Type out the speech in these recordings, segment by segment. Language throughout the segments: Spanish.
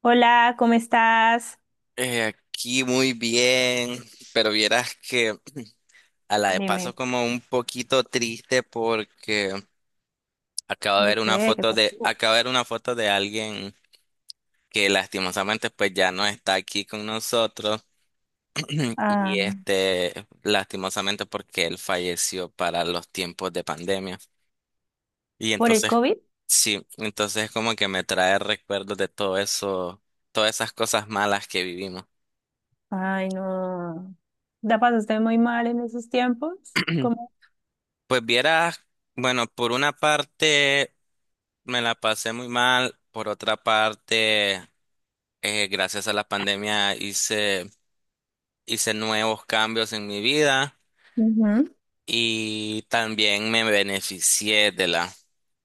Hola, ¿cómo estás? Aquí muy bien, pero vieras que a la de paso Dime, como un poquito triste porque acabo de ¿por ver una qué? ¿Qué foto de, pasó? acabo de ver una foto de alguien que lastimosamente pues ya no está aquí con nosotros Ah, y lastimosamente porque él falleció para los tiempos de pandemia. Y ¿por el entonces, COVID? sí, entonces como que me trae recuerdos de todo eso, todas esas cosas malas que vivimos. Ay, no. La pasaste muy mal en esos tiempos. ¿Cómo? Pues vieras, bueno, por una parte me la pasé muy mal, por otra parte, gracias a la pandemia hice nuevos cambios en mi vida Ujú. y también me beneficié de la,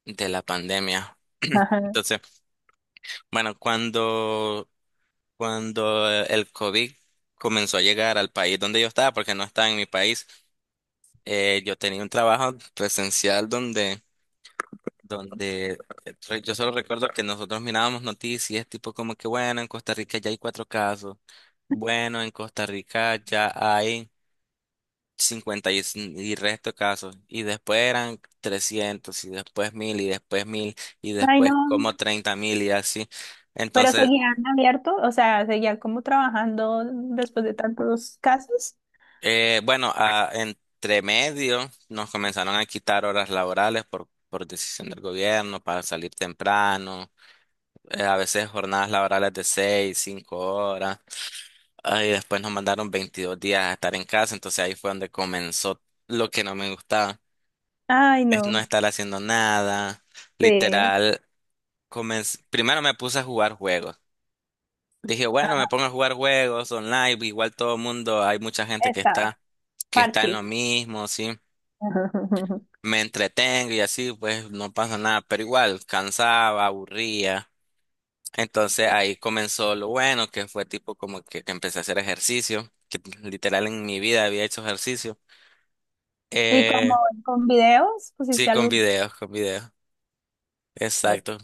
de la pandemia. Ajá. Entonces, bueno, cuando el COVID comenzó a llegar al país donde yo estaba, porque no estaba en mi país, yo tenía un trabajo presencial donde yo solo recuerdo que nosotros mirábamos noticias, tipo como que, bueno, en Costa Rica ya hay cuatro casos, bueno, en Costa Rica ya hay 50 y, y resto casos, y después eran 300 y después 1.000 y después 1000 y Ay, no. después como 30.000 y así. Pero Entonces, seguían abiertos, o sea, seguían como trabajando después de tantos casos. Bueno, entre medio nos comenzaron a quitar horas laborales por decisión del gobierno para salir temprano, a veces jornadas laborales de 6, 5 horas. Y después nos mandaron 22 días a estar en casa, entonces ahí fue donde comenzó lo que no me gustaba, Ay, es no no. estar haciendo nada, Sí. literal. Comencé, primero me puse a jugar juegos, dije, bueno, me Ajá. pongo a jugar juegos online, igual todo el mundo, hay mucha gente Está, que está en parche. lo mismo, sí, me entretengo y así, pues no pasa nada, pero igual, cansaba, aburría, entonces Sí. ahí comenzó lo bueno, que fue tipo como que empecé a hacer ejercicio, que literal en mi vida había hecho ejercicio. ¿Y Eh, como con videos? sí, ¿Pusiste con algo? videos, con videos. Exacto.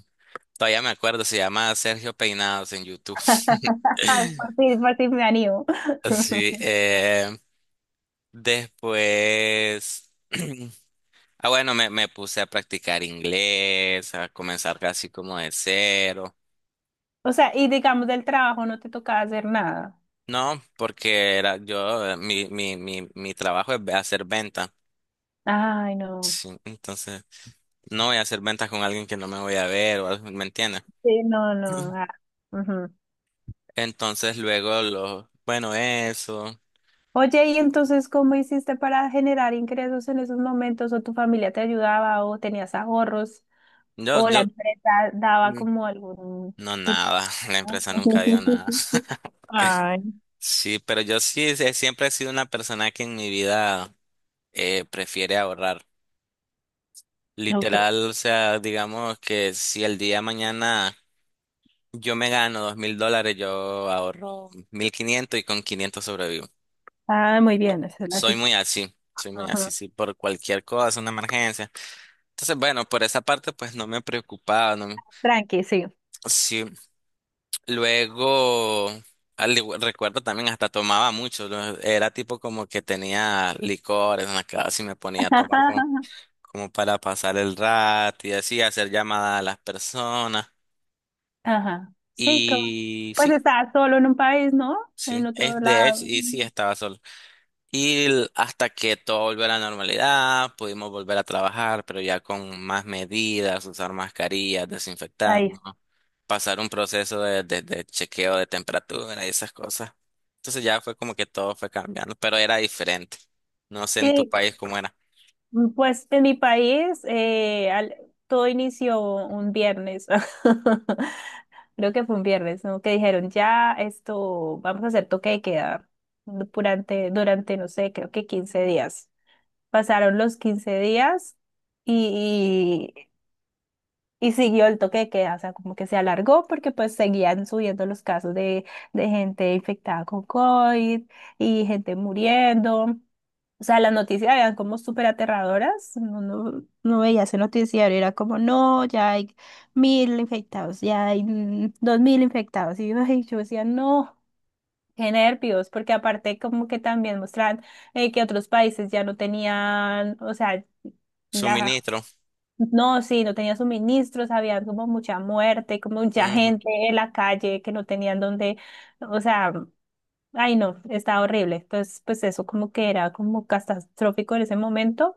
Todavía me acuerdo, se llama Sergio Peinados en YouTube. Por fin me animo. Sí, después. Bueno, me puse a practicar inglés, a comenzar casi como de cero. O sea, y digamos del trabajo no te tocaba hacer nada. No, porque era yo, mi trabajo es hacer venta. Ay, no. Sí, entonces no voy a hacer ventas con alguien que no me voy a ver o algo, ¿me entiendes? Sí, no, no. Ah, ujú. Entonces luego lo, bueno, eso. Oye, ¿y entonces cómo hiciste para generar ingresos en esos momentos? ¿O tu familia te ayudaba o tenías ahorros? Yo, ¿O la yo, empresa daba mm, como algún no tipo? nada, la empresa nunca dio nada. Ay, Sí, pero yo sí, siempre he sido una persona que en mi vida, prefiere ahorrar. ok. Literal, o sea, digamos que si el día de mañana yo me gano $2.000, yo ahorro 1.500 y con 500 sobrevivo. Ah, muy bien, esa es la actitud. Soy muy así, Ajá. sí, por cualquier cosa, una emergencia. Entonces, bueno, por esa parte, pues no me preocupaba, no, Tranqui, sí. sí. Luego, recuerdo también hasta tomaba mucho, ¿no? Era tipo como que tenía licores en la casa y me ponía a tomar como, como para pasar el rato y así hacer llamadas a las personas. Ajá. Sí, como, Y pues sí, estabas solo en un país, ¿no? En sí, otro es de hecho, lado. y sí, estaba solo. Y hasta que todo volvió a la normalidad, pudimos volver a trabajar, pero ya con más medidas, usar mascarillas, Ahí desinfectarnos, pasar un proceso de chequeo de temperatura y esas cosas. Entonces ya fue como que todo fue cambiando, pero era diferente. No sé en tu está. país cómo era. Pues en mi país todo inició un viernes. Creo que fue un viernes, ¿no? Que dijeron, ya esto, vamos a hacer toque de queda durante, no sé, creo que 15 días. Pasaron los 15 días y, y siguió el toque de queda, o sea, como que se alargó porque pues seguían subiendo los casos de gente infectada con COVID y gente muriendo. O sea, las noticias eran como súper aterradoras. No, no, no veía ese noticiero, era como, no, ya hay 1.000 infectados, ya hay 2.000 infectados. Y yo, ay, yo decía, no, qué nervios, porque aparte como que también mostraban que otros países ya no tenían, o sea, la Suministro. no, sí, no tenía suministros, había como mucha muerte, como mucha Ujú. gente en la calle que no tenían dónde, o sea, ay no, estaba horrible. Entonces, pues eso como que era como catastrófico en ese momento,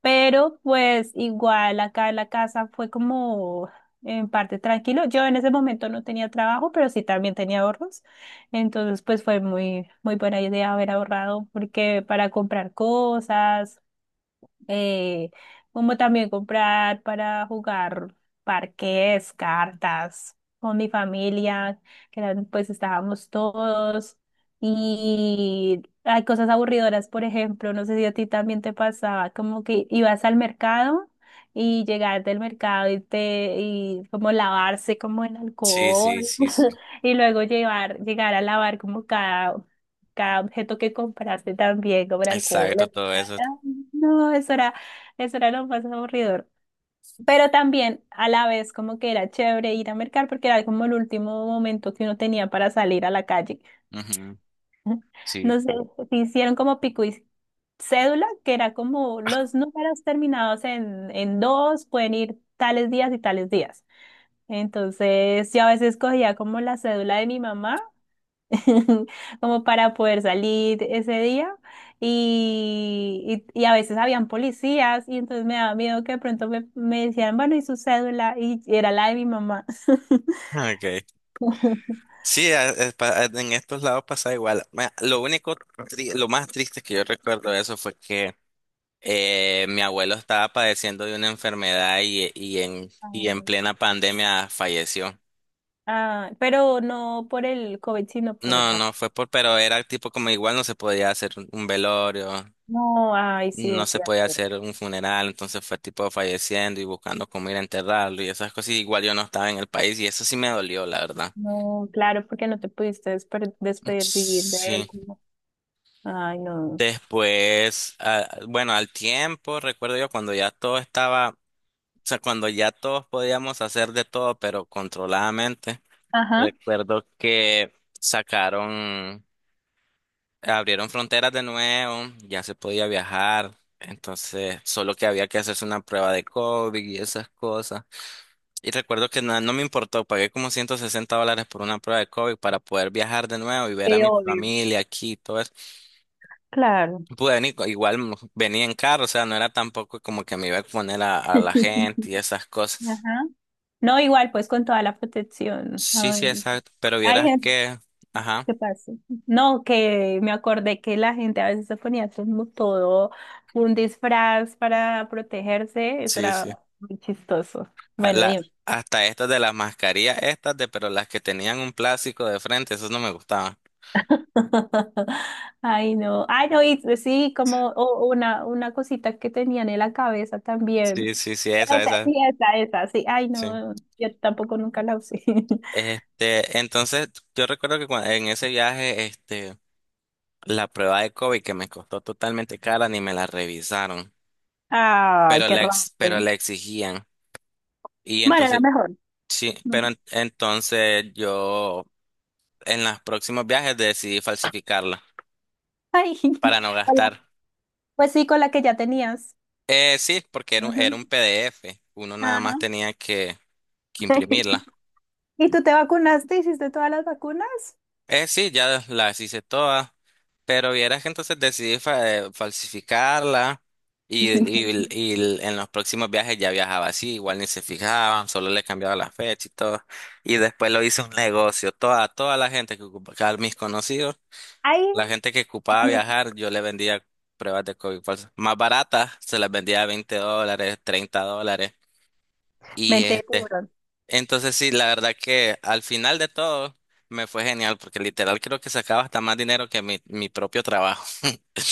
pero pues igual acá en la casa fue como en parte tranquilo. Yo en ese momento no tenía trabajo, pero sí también tenía ahorros. Entonces, pues fue muy, muy buena idea haber ahorrado porque para comprar cosas eh, como también comprar para jugar parques, cartas con mi familia, que eran, pues estábamos todos. Y hay cosas aburridoras, por ejemplo, no sé si a ti también te pasaba, como que ibas al mercado y llegar del mercado y como lavarse como en Sí, sí, alcohol sí, sí. y luego llevar llegar a lavar como cada objeto que compraste también como el alcohol. Exacto, todo eso. Ah, no, eso era, lo más aburridor. Pero también a la vez como que era chévere ir a mercar porque era como el último momento que uno tenía para salir a la calle. Ujú. Sí, No sé, sí. se hicieron como pico y cédula, que era como los números terminados en dos pueden ir tales días y tales días. Entonces yo a veces cogía como la cédula de mi mamá como para poder salir ese día. Y a veces habían policías y entonces me daba miedo que de pronto me decían, bueno, ¿y su cédula? Y era la de mi mamá. Okay. Sí, en estos lados pasa igual. Lo único, lo más triste que yo recuerdo de eso fue que, mi abuelo estaba padeciendo de una enfermedad y, y en, Ah, y en plena pandemia falleció. Ah, pero no por el COVID, sino por No, otra no cosa. fue por, pero era tipo como igual no se podía hacer un velorio, No, ay, sí, no es se podía cierto. hacer un funeral, entonces fue tipo falleciendo y buscando cómo ir a enterrarlo y esas cosas. Y igual yo no estaba en el país y eso sí me dolió, la verdad. No, claro, porque no te pudiste despedir de él. Sí. Ay, no. Después, bueno, al tiempo, recuerdo yo cuando ya todo estaba, o sea, cuando ya todos podíamos hacer de todo, pero controladamente. Ajá, Recuerdo que sacaron. Abrieron fronteras de nuevo, ya se podía viajar, entonces solo que había que hacerse una prueba de COVID y esas cosas. Y recuerdo que no, no me importó, pagué como $160 por una prueba de COVID para poder viajar de nuevo y ver te a mi odio. familia aquí y todo eso. Claro. Pude venir, igual venía en carro, o sea, no era tampoco como que me iba a exponer a la gente y esas cosas. Ajá. No, igual, pues con toda la protección. Sí, sí, Ay, exacto, pero hay vieras gente que, ajá, que pasa. No, que me acordé que la gente a veces se ponía como todo un disfraz para protegerse. Eso sí, sí. era muy chistoso. A Bueno, la- dime. Hasta estas de las mascarillas, estas de, pero las que tenían un plástico de frente, esas no me gustaban. Ay, no. Ay, no, y sí, como una cosita que tenían en la cabeza también. Sí, sí, sí, Ah, esa, esa, esa, sí, esa, sí. Ay, sí. no, yo tampoco nunca la usé. Entonces, yo recuerdo que en ese viaje, la prueba de COVID que me costó totalmente cara, ni me la revisaron, Ay, pero qué la, ex- pero rabia. la exigían. Y Bueno, era entonces, mejor. sí, Ujú. pero entonces yo en los próximos viajes decidí falsificarla Ay, para no hola, gastar. pues sí, con la que ya tenías. Sí, porque era un, Ujú. era un PDF. Uno nada más Ajá. tenía que imprimirla. ¿Y tú te vacunaste? ¿Hiciste todas las vacunas? Sí, ya las hice todas, pero vieras que entonces decidí falsificarla en los próximos viajes ya viajaba así, igual ni se fijaban, solo le cambiaba la fecha y todo. Y después lo hice un negocio, toda la gente que ocupaba, mis conocidos, Ay, la gente que ocupaba bueno, viajar, yo le vendía pruebas de COVID falsas. Más baratas, se las vendía a $20, $30. Y mente de este, tiburón. entonces sí, la verdad que al final de todo me fue genial porque literal creo que sacaba hasta más dinero que mi propio trabajo.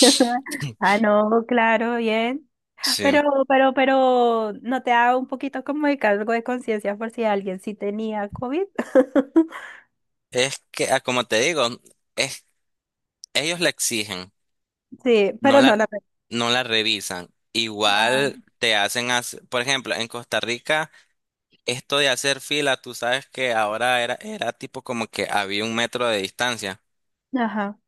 Ah, no, claro, bien. Sí. Pero, pero, ¿no te da un poquito como de cargo de conciencia por si alguien sí tenía COVID? Es que, como te digo, es, ellos la exigen, Sí, no pero no la, la... no la revisan. Ah, Igual te hacen, por ejemplo, en Costa Rica, esto de hacer fila, tú sabes que ahora era, era tipo como que había un metro de distancia. ajá.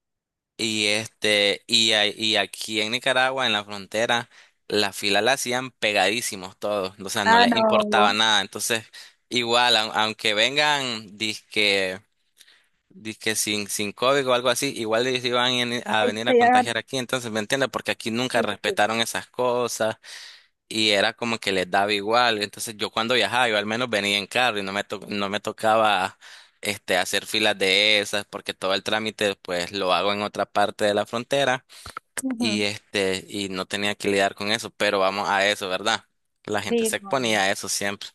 Y aquí en Nicaragua, en la frontera, la fila la hacían pegadísimos todos, o sea, no Ah, les importaba no. nada. Entonces, igual, aunque vengan, disque sin COVID o algo así, igual ellos iban a Ay, venir a sí, ah, contagiar aquí. Entonces, ¿me entiendes? Porque aquí nunca sí, sí, sí. respetaron esas cosas y era como que les daba igual. Entonces yo cuando viajaba, yo al menos venía en carro y no me tocaba, hacer filas de esas porque todo el trámite pues lo hago en otra parte de la frontera y, Ujú. este, y no tenía que lidiar con eso, pero vamos a eso, ¿verdad? La gente se Sí, exponía no. a eso siempre.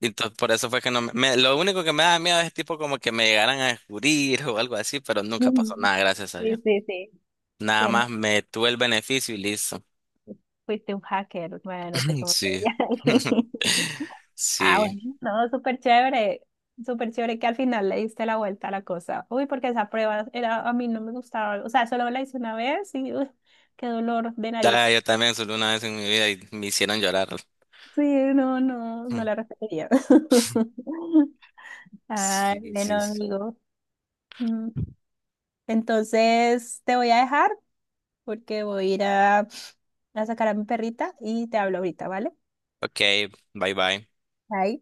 Entonces por eso fue que no me, me- lo único que me daba miedo es tipo como que me llegaran a descubrir o algo así, pero nunca pasó Ujú. nada, gracias a Sí, Dios. sí, sí. Nada más me tuve el beneficio y listo. Fuiste un hacker, bueno, no sé cómo Sí. sería. Ah, Sí. bueno, no, súper chévere que al final le diste la vuelta a la cosa. Uy, porque esa prueba era, a mí no me gustaba, o sea, solo la hice una vez y uy, qué dolor de Ah, nariz. yo también solo una vez en mi vida y me hicieron llorar. Sí, no, no, no la repetiría. Ay, Sí, bueno, sí, sí. amigo. Mm, Entonces te voy a dejar porque voy a ir a sacar a mi perrita y te hablo ahorita, ¿vale? Ok, bye bye. Bye.